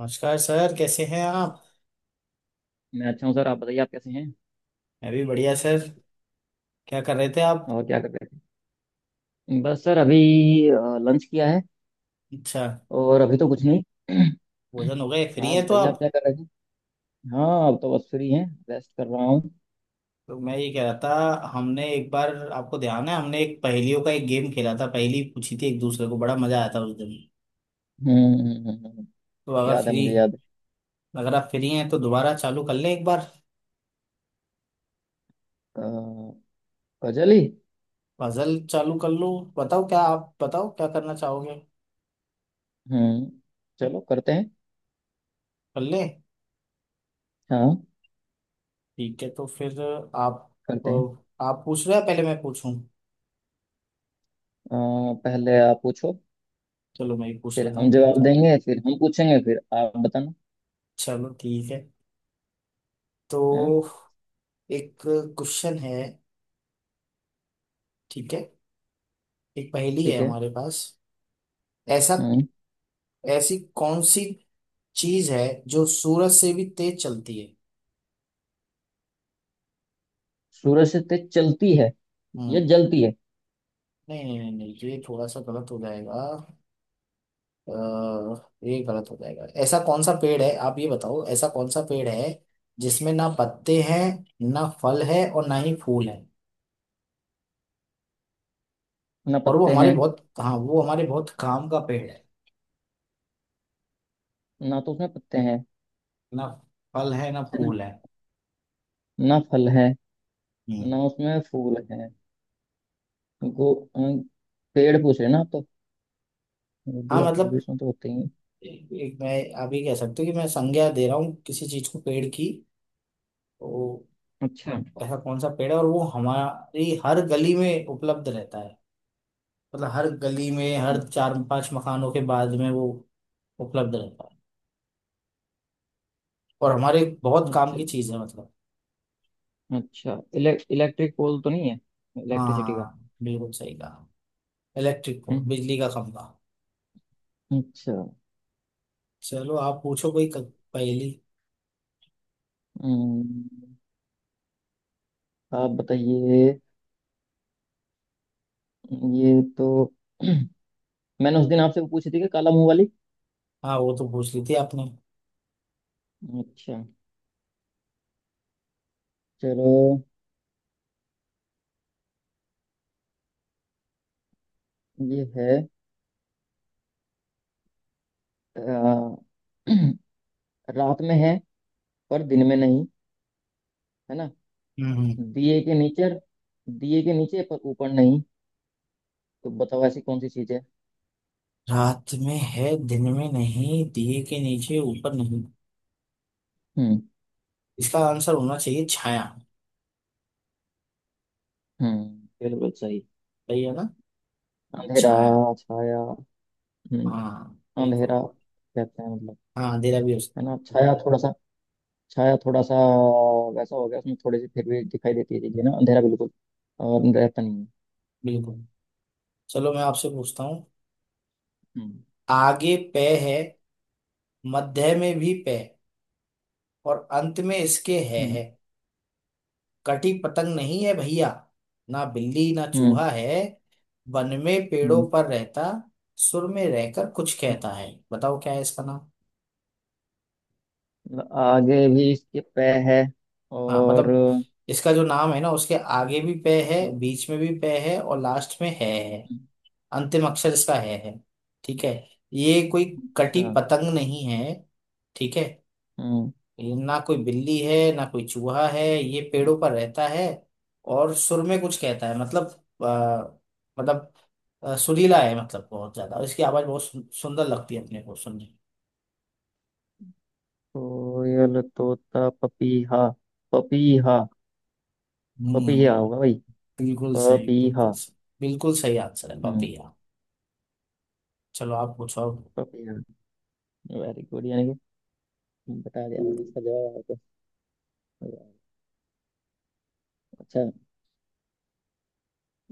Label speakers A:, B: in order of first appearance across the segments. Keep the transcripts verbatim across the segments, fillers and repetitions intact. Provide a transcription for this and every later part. A: नमस्कार सर, कैसे हैं आप?
B: मैं अच्छा हूँ सर। आप बताइए, आप कैसे हैं?
A: मैं भी बढ़िया सर। क्या कर रहे थे आप?
B: और क्या कर रहे थे? बस सर अभी लंच किया है।
A: अच्छा,
B: और अभी तो कुछ नहीं।
A: भोजन हो गए, फ्री
B: आप
A: हैं तो
B: बताइए, आप
A: आप।
B: क्या कर रहे थे? हाँ, अब तो बस फ्री हैं, रेस्ट कर रहा हूँ।
A: तो मैं ये कह रहा था, हमने एक बार, आपको ध्यान है, हमने एक पहेलियों का एक गेम खेला था, पहेली पूछी थी एक दूसरे को, बड़ा मजा आया था उस दिन।
B: हम्म। हम्म, हम्म, हम्म, हम्म।
A: तो अगर
B: याद है,
A: फ्री,
B: मुझे याद है।
A: अगर आप फ्री हैं तो दोबारा चालू कर लें एक बार।
B: अ, गजल ही।
A: पजल चालू कर लो। बताओ क्या, आप बताओ क्या करना चाहोगे?
B: हम्म, चलो करते हैं।
A: कर लें?
B: हाँ,
A: ठीक है तो फिर। आप।
B: करते
A: तो
B: हैं।
A: आप पूछ रहे हैं पहले मैं पूछूं?
B: अ, पहले आप पूछो,
A: चलो मैं ही पूछ
B: फिर
A: लेता
B: हम
A: हूँ
B: जवाब
A: फिर।
B: देंगे, फिर हम पूछेंगे, फिर आप बताना,
A: चलो ठीक है। तो
B: है ना?
A: एक क्वेश्चन है। ठीक है। एक पहेली है
B: ठीक है।
A: हमारे पास। ऐसा,
B: हम्म।
A: ऐसी कौन सी चीज है जो सूरज से भी तेज चलती है?
B: सूरज से तेज चलती है या
A: हम्म।
B: जलती है?
A: नहीं नहीं नहीं नहीं, ये थोड़ा सा गलत हो जाएगा। अ, ये गलत हो जाएगा। ऐसा कौन सा पेड़ है, आप ये बताओ, ऐसा कौन सा पेड़ है जिसमें ना पत्ते हैं, ना फल है और ना ही फूल है।
B: ना
A: और वो
B: पत्ते
A: हमारे
B: हैं,
A: बहुत, हाँ वो हमारे बहुत काम का पेड़ है।
B: ना तो उसमें पत्ते हैं,
A: ना फल है ना
B: न-
A: फूल है।
B: ना ना फल है,
A: हम्म।
B: ना उसमें फूल है। गो अ, पेड़ पूछ रहे ना आप तो? गोभी
A: हाँ
B: का फूल भी
A: मतलब,
B: उसमें तो होते ही हैं।
A: एक एक मैं, आप ये कह सकते हो कि मैं संज्ञा दे रहा हूँ किसी चीज को पेड़ की। तो
B: अच्छा।
A: ऐसा कौन सा पेड़ है और वो हमारी हर गली में उपलब्ध रहता है? मतलब हर गली में हर
B: हम्म,
A: चार पांच मकानों के बाद में वो उपलब्ध रहता है और हमारे बहुत काम
B: अच्छा।
A: की चीज है, मतलब।
B: अच्छा, इले, इलेक्ट्रिक पोल तो नहीं है, इलेक्ट्रिसिटी का?
A: हाँ बिल्कुल सही कहा। इलेक्ट्रिक को,
B: हम्म,
A: बिजली का खंभा।
B: अच्छा।
A: चलो आप पूछो कोई क- पहेली।
B: हम्म, आप बताइए। ये तो मैंने उस दिन आपसे वो पूछी थी कि काला मुंह वाली।
A: हाँ वो तो पूछ ली थी आपने।
B: अच्छा, चलो, ये है। अ, रात में है पर दिन में नहीं, है ना,
A: हम्म हम्म।
B: दिए के नीचे, दिए के नीचे पर ऊपर नहीं। तो बताओ, ऐसी कौन सी चीज है?
A: रात में है दिन में नहीं, दिए के नीचे ऊपर नहीं।
B: हम्म।
A: इसका आंसर होना चाहिए छाया।
B: हम्म, बिल्कुल सही।
A: सही है ना?
B: अंधेरा
A: छाया।
B: छाया। हम्म,
A: हाँ बिल्कुल।
B: अंधेरा कहते हैं मतलब,
A: हाँ अंधेरा भी हो
B: है ना?
A: सकता है।
B: छाया थोड़ा सा, छाया थोड़ा सा वैसा हो गया, उसमें थोड़ी सी फिर भी दिखाई देती है चीजें ना, अंधेरा बिल्कुल और रहता नहीं है।
A: बिल्कुल। चलो मैं आपसे पूछता हूँ।
B: हम्म।
A: आगे पे है, मध्य में भी पे, और अंत में इसके है
B: हम्म।
A: है। कटी पतंग नहीं है भैया, ना बिल्ली ना
B: हम्म।
A: चूहा है। वन में पेड़ों
B: हम्म,
A: पर रहता, सुर में रहकर कुछ
B: हम्म।
A: कहता है। बताओ क्या है इसका नाम।
B: मतलब आगे भी इसके पै है
A: हाँ
B: और,
A: मतलब,
B: हम्म,
A: इसका जो नाम है ना, उसके आगे भी पे है, बीच में भी पे है और लास्ट में है है।
B: हम्म,
A: अंतिम अक्षर इसका है है। ठीक है। ये कोई कटी
B: अच्छा,
A: पतंग नहीं है। ठीक है।
B: हम्म।
A: ये ना कोई बिल्ली है ना कोई चूहा है, ये पेड़ों पर रहता है और सुर में कुछ कहता है। मतलब आ, मतलब अ, सुरीला है मतलब बहुत ज्यादा, और इसकी आवाज बहुत सु- सुंदर लगती है अपने को सुनने में।
B: कोयल तोता पपीहा, पपीहा। पपीहा होगा भाई।
A: हम्म। बिल्कुल सही
B: पपीहा।
A: बिल्कुल सही। बिल्कुल सही आंसर है
B: हम्म।
A: बापिया। चलो आप पूछो अब।
B: पपीहा। वेरी गुड, यानी कि बता दिया मैंने इसका जवाब आपको। अच्छा।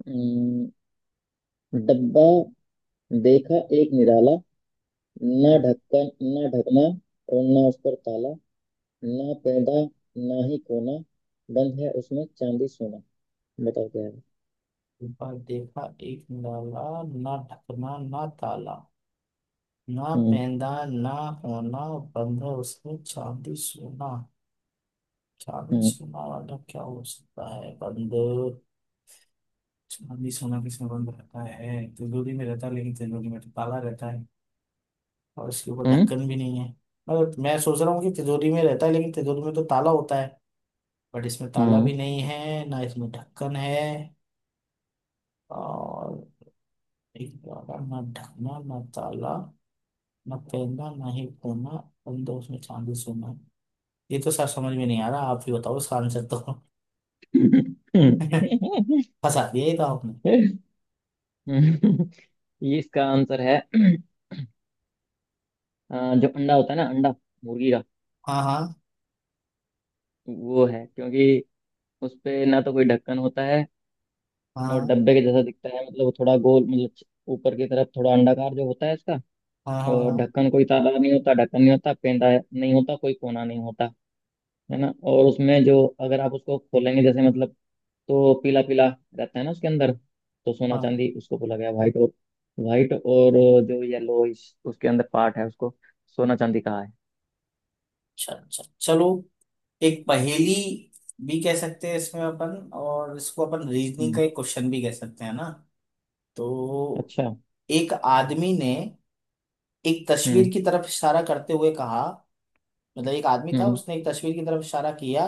B: हम्म, डब्बा देखा एक निराला, ना
A: जब
B: ढक्कन ना ढकना, और ना उस पर ताला, ना पैदा ना ही कोना, बंद है उसमें चांदी सोना। बताओ क्या है?
A: एक बार देखा एक निराला, ना ढकना ना ताला, ना
B: हम्म।
A: पैदा ना होना, बंधे उसमें चांदी सोना। चांदी
B: हम्म।
A: सोना वाला क्या हो सकता है बंधे? चांदी सोना किसमें बंद रहता है? तिजोरी में रहता है, लेकिन तिजोरी में तो ताला रहता है। और इसके ऊपर
B: हम्म।
A: ढक्कन भी नहीं है। मतलब मैं सोच रहा हूँ कि तिजोरी में रहता है, लेकिन तिजोरी में तो ताला होता है। बट इसमें ताला
B: हम्म।
A: भी नहीं है, ना इसमें ढक्कन है। और एक वाला ना ढकना ना ताला, ना पैदा ना ही कोना, बंधे उसमें चांदी सोना। ये तो सर समझ में नहीं आ रहा, आप ही बताओ इसका आंसर तो। फंसा दिया ये तो आपने।
B: हम्म। ये इसका आंसर है। अ, जो अंडा होता है ना, अंडा मुर्गी का।
A: हाँ हाँ
B: वो है क्योंकि उस पे ना तो कोई ढक्कन होता है, और
A: हाँ
B: डब्बे के जैसा दिखता है, मतलब वो थोड़ा गोल, मतलब ऊपर की तरफ थोड़ा अंडाकार जो होता है इसका।
A: हाँ हाँ
B: और
A: हाँ
B: ढक्कन कोई ताला नहीं होता, ढक्कन नहीं होता, पेंदा नहीं होता, कोई कोना नहीं होता, है ना? और उसमें जो, अगर आप उसको खोलेंगे, जैसे मतलब, तो पीला पीला रहता है ना उसके अंदर। तो सोना
A: हाँ।
B: चांदी उसको बोला गया। व्हाइट और व्हाइट और जो येलो उसके अंदर पार्ट है, उसको सोना चांदी कहा है।
A: अच्छा अच्छा, चलो। एक पहेली भी कह सकते हैं इसमें अपन, और इसको अपन रीजनिंग
B: हम्म।
A: का एक क्वेश्चन भी कह सकते हैं ना। तो
B: अच्छा।
A: एक आदमी ने एक तस्वीर
B: हम्म।
A: की तरफ इशारा करते हुए कहा, मतलब एक आदमी था
B: हम्म।
A: उसने एक तस्वीर की तरफ इशारा किया,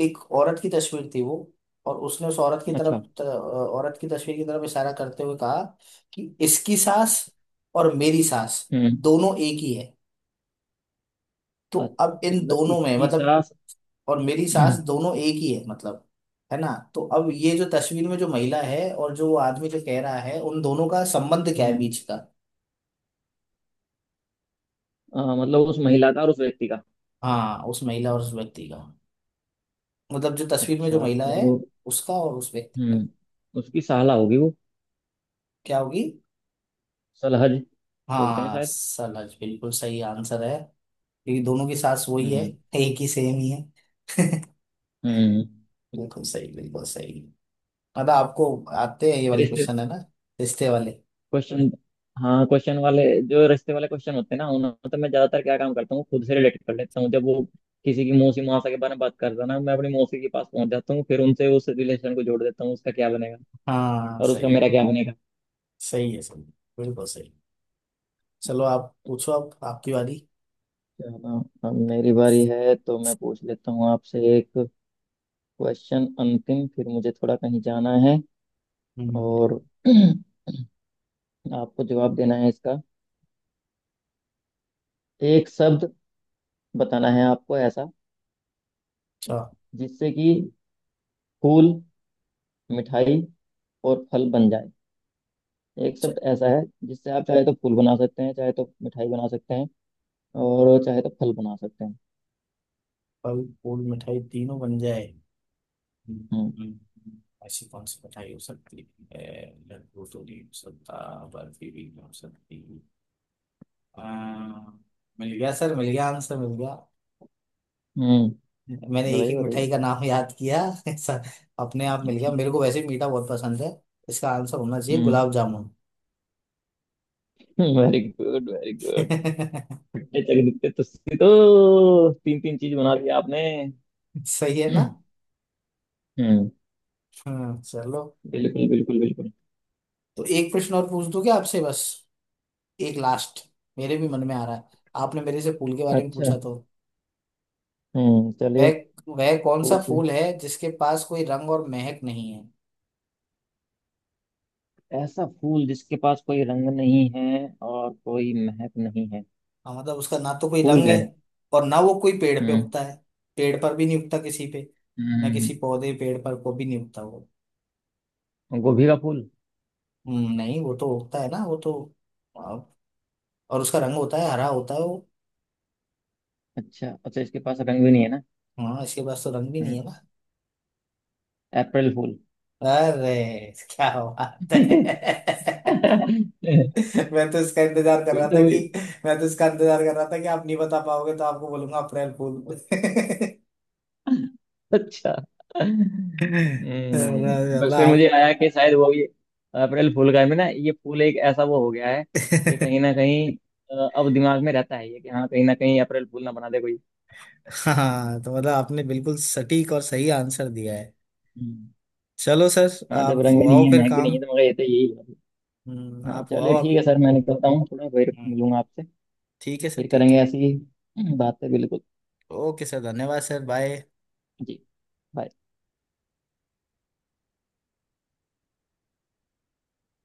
A: एक औरत की तस्वीर थी वो, और उसने उस औरत की
B: अच्छा।
A: तरफ त- औरत की तस्वीर की तरफ इशारा करते हुए कहा कि इसकी सांस और मेरी सांस
B: हम्म।
A: दोनों एक ही है। तो अब
B: अच्छा,
A: इन
B: मतलब
A: दोनों में
B: इसकी
A: मतलब,
B: सास?
A: और मेरी सांस दोनों एक ही है मतलब, है ना? तो अब ये जो तस्वीर में जो महिला है, और जो वो आदमी जो कह रहा है, उन दोनों का संबंध क्या है
B: हम्म।
A: बीच का?
B: आ, मतलब उस महिला का और उस व्यक्ति का?
A: हाँ उस महिला और उस व्यक्ति का। मतलब जो तस्वीर में जो
B: अच्छा
A: महिला है,
B: तो,
A: उसका और उस व्यक्ति का।
B: हम्म, उसकी साला होगी वो।
A: क्या होगी?
B: सलहज बोलते हैं
A: हाँ
B: शायद।
A: सलज, बिल्कुल सही आंसर है। ये दोनों की सास वही है,
B: हम्म।
A: एक ही सेम ही है।
B: हम्म।
A: बिल्कुल सही बिल्कुल सही। मतलब आपको आते हैं ये वाले
B: रिश्ते
A: क्वेश्चन है ना, रिश्ते वाले।
B: क्वेश्चन। हाँ, क्वेश्चन वाले। जो रिश्ते वाले क्वेश्चन होते हैं ना, उन्होंने तो मैं ज्यादातर क्या काम करता हूँ, खुद से रिलेट कर लेता हूँ। जब वो किसी की मौसी मासा के बारे में बात करता है ना, मैं अपनी मौसी के पास पहुंच जाता हूँ, फिर उनसे उस रिलेशन को जोड़ देता हूँ उसका क्या बनेगा
A: हाँ
B: और उसका
A: सही है,
B: मेरा क्या बनेगा।
A: सही है सही है, बिल्कुल सही। चलो आप पूछो अब आपकी वाली।
B: चलो, अब मेरी बारी है तो मैं पूछ लेता हूँ आपसे एक क्वेश्चन अंतिम, फिर मुझे थोड़ा कहीं जाना है।
A: हम्म
B: और
A: बिल्कुल।
B: आपको जवाब देना है इसका। एक शब्द बताना है आपको ऐसा
A: अच्छा,
B: जिससे कि फूल, मिठाई और फल बन जाए। एक
A: अच्छा,
B: शब्द ऐसा है जिससे आप चाहे तो फूल बना सकते हैं, चाहे तो मिठाई बना सकते हैं, और चाहे तो फल बना सकते हैं।
A: फल फूल मिठाई तीनों बन जाए। हम्म, हम्म,
B: हम्म।
A: हम्म। ऐसी कौन सी मिठाई हो सकती है? लड्डू तो नहीं हो सकता, बर्फी भी नहीं हो सकती। अम्म, मिल गया सर मिल गया, आंसर मिल गया।
B: हम्म,
A: मैंने एक
B: बताइए
A: एक मिठाई
B: बताइए।
A: का नाम याद किया। ऐसा अपने आप मिल गया,
B: अच्छा।
A: मेरे को वैसे ही मीठा बहुत पसंद है। इसका आंसर होना चाहिए
B: हम्म।
A: गुलाब जामुन।
B: Very good very good. ये जगदीप तो इसकी तो तीन तीन चीज बना दिया आपने।
A: सही है ना?
B: हम्म,
A: हम्म चलो।
B: बिल्कुल बिल्कुल बिल्कुल।
A: तो एक प्रश्न और पूछ दूं क्या आपसे बस, एक लास्ट, मेरे भी मन में आ रहा है, आपने मेरे से फूल के बारे में
B: अच्छा,
A: पूछा तो।
B: हम्म, चलिए।
A: वह वह कौन सा
B: पूछिए।
A: फूल है जिसके पास कोई रंग और महक नहीं है?
B: ऐसा फूल जिसके पास कोई रंग नहीं है और कोई महक नहीं है?
A: हाँ, मतलब उसका ना तो कोई
B: फूल
A: रंग है,
B: है।
A: और ना वो कोई पेड़ पे
B: हम्म।
A: उगता है। पेड़ पर भी नहीं उगता किसी पे, ना
B: हम्म।
A: किसी पौधे पेड़ पर को भी नहीं उगता।
B: गोभी का फूल।
A: हम्म, नहीं वो तो उगता है ना, वो तो वाव। और उसका रंग होता है हरा होता है वो।
B: अच्छा अच्छा, इसके पास रंग भी नहीं है ना?
A: हाँ इसके पास तो रंग भी नहीं है
B: हम्म।
A: ना।
B: अप्रैल फूल।
A: अरे क्या बात है! मैं तो इसका इंतजार कर
B: ये
A: रहा
B: तो।
A: था कि, मैं तो इसका इंतजार कर रहा था कि आप नहीं बता पाओगे तो आपको बोलूंगा अप्रैल फूल।
B: अच्छा। हम्म,
A: मतलब
B: बस फिर मुझे
A: आप।
B: आया कि शायद वो भी अप्रैल फूल का है। मैं ना, ये फूल एक ऐसा वो हो गया है कि कहीं ना कहीं अ, अब दिमाग में रहता है ये कि हाँ, कहीं ना कहीं अप्रैल फूल ना बना दे कोई।
A: हाँ तो मतलब आपने बिल्कुल सटीक और सही आंसर दिया है।
B: हम्म।
A: चलो सर,
B: हाँ, जब
A: आप
B: रंग भी नहीं
A: हुआओ
B: है
A: फिर
B: महक भी नहीं
A: काम।
B: है तो, मगर ये तो यही बात
A: हम्म,
B: है। हाँ
A: आप हुआओ
B: चलिए, ठीक
A: आप।
B: है सर, मैं निकलता हूँ थोड़ा, फिर
A: हम्म,
B: मिलूंगा आपसे।
A: ठीक है सर
B: फिर
A: ठीक
B: करेंगे
A: है।
B: ऐसी ही बातें, बिल्कुल।
A: ओके सर धन्यवाद सर, बाय।
B: जी।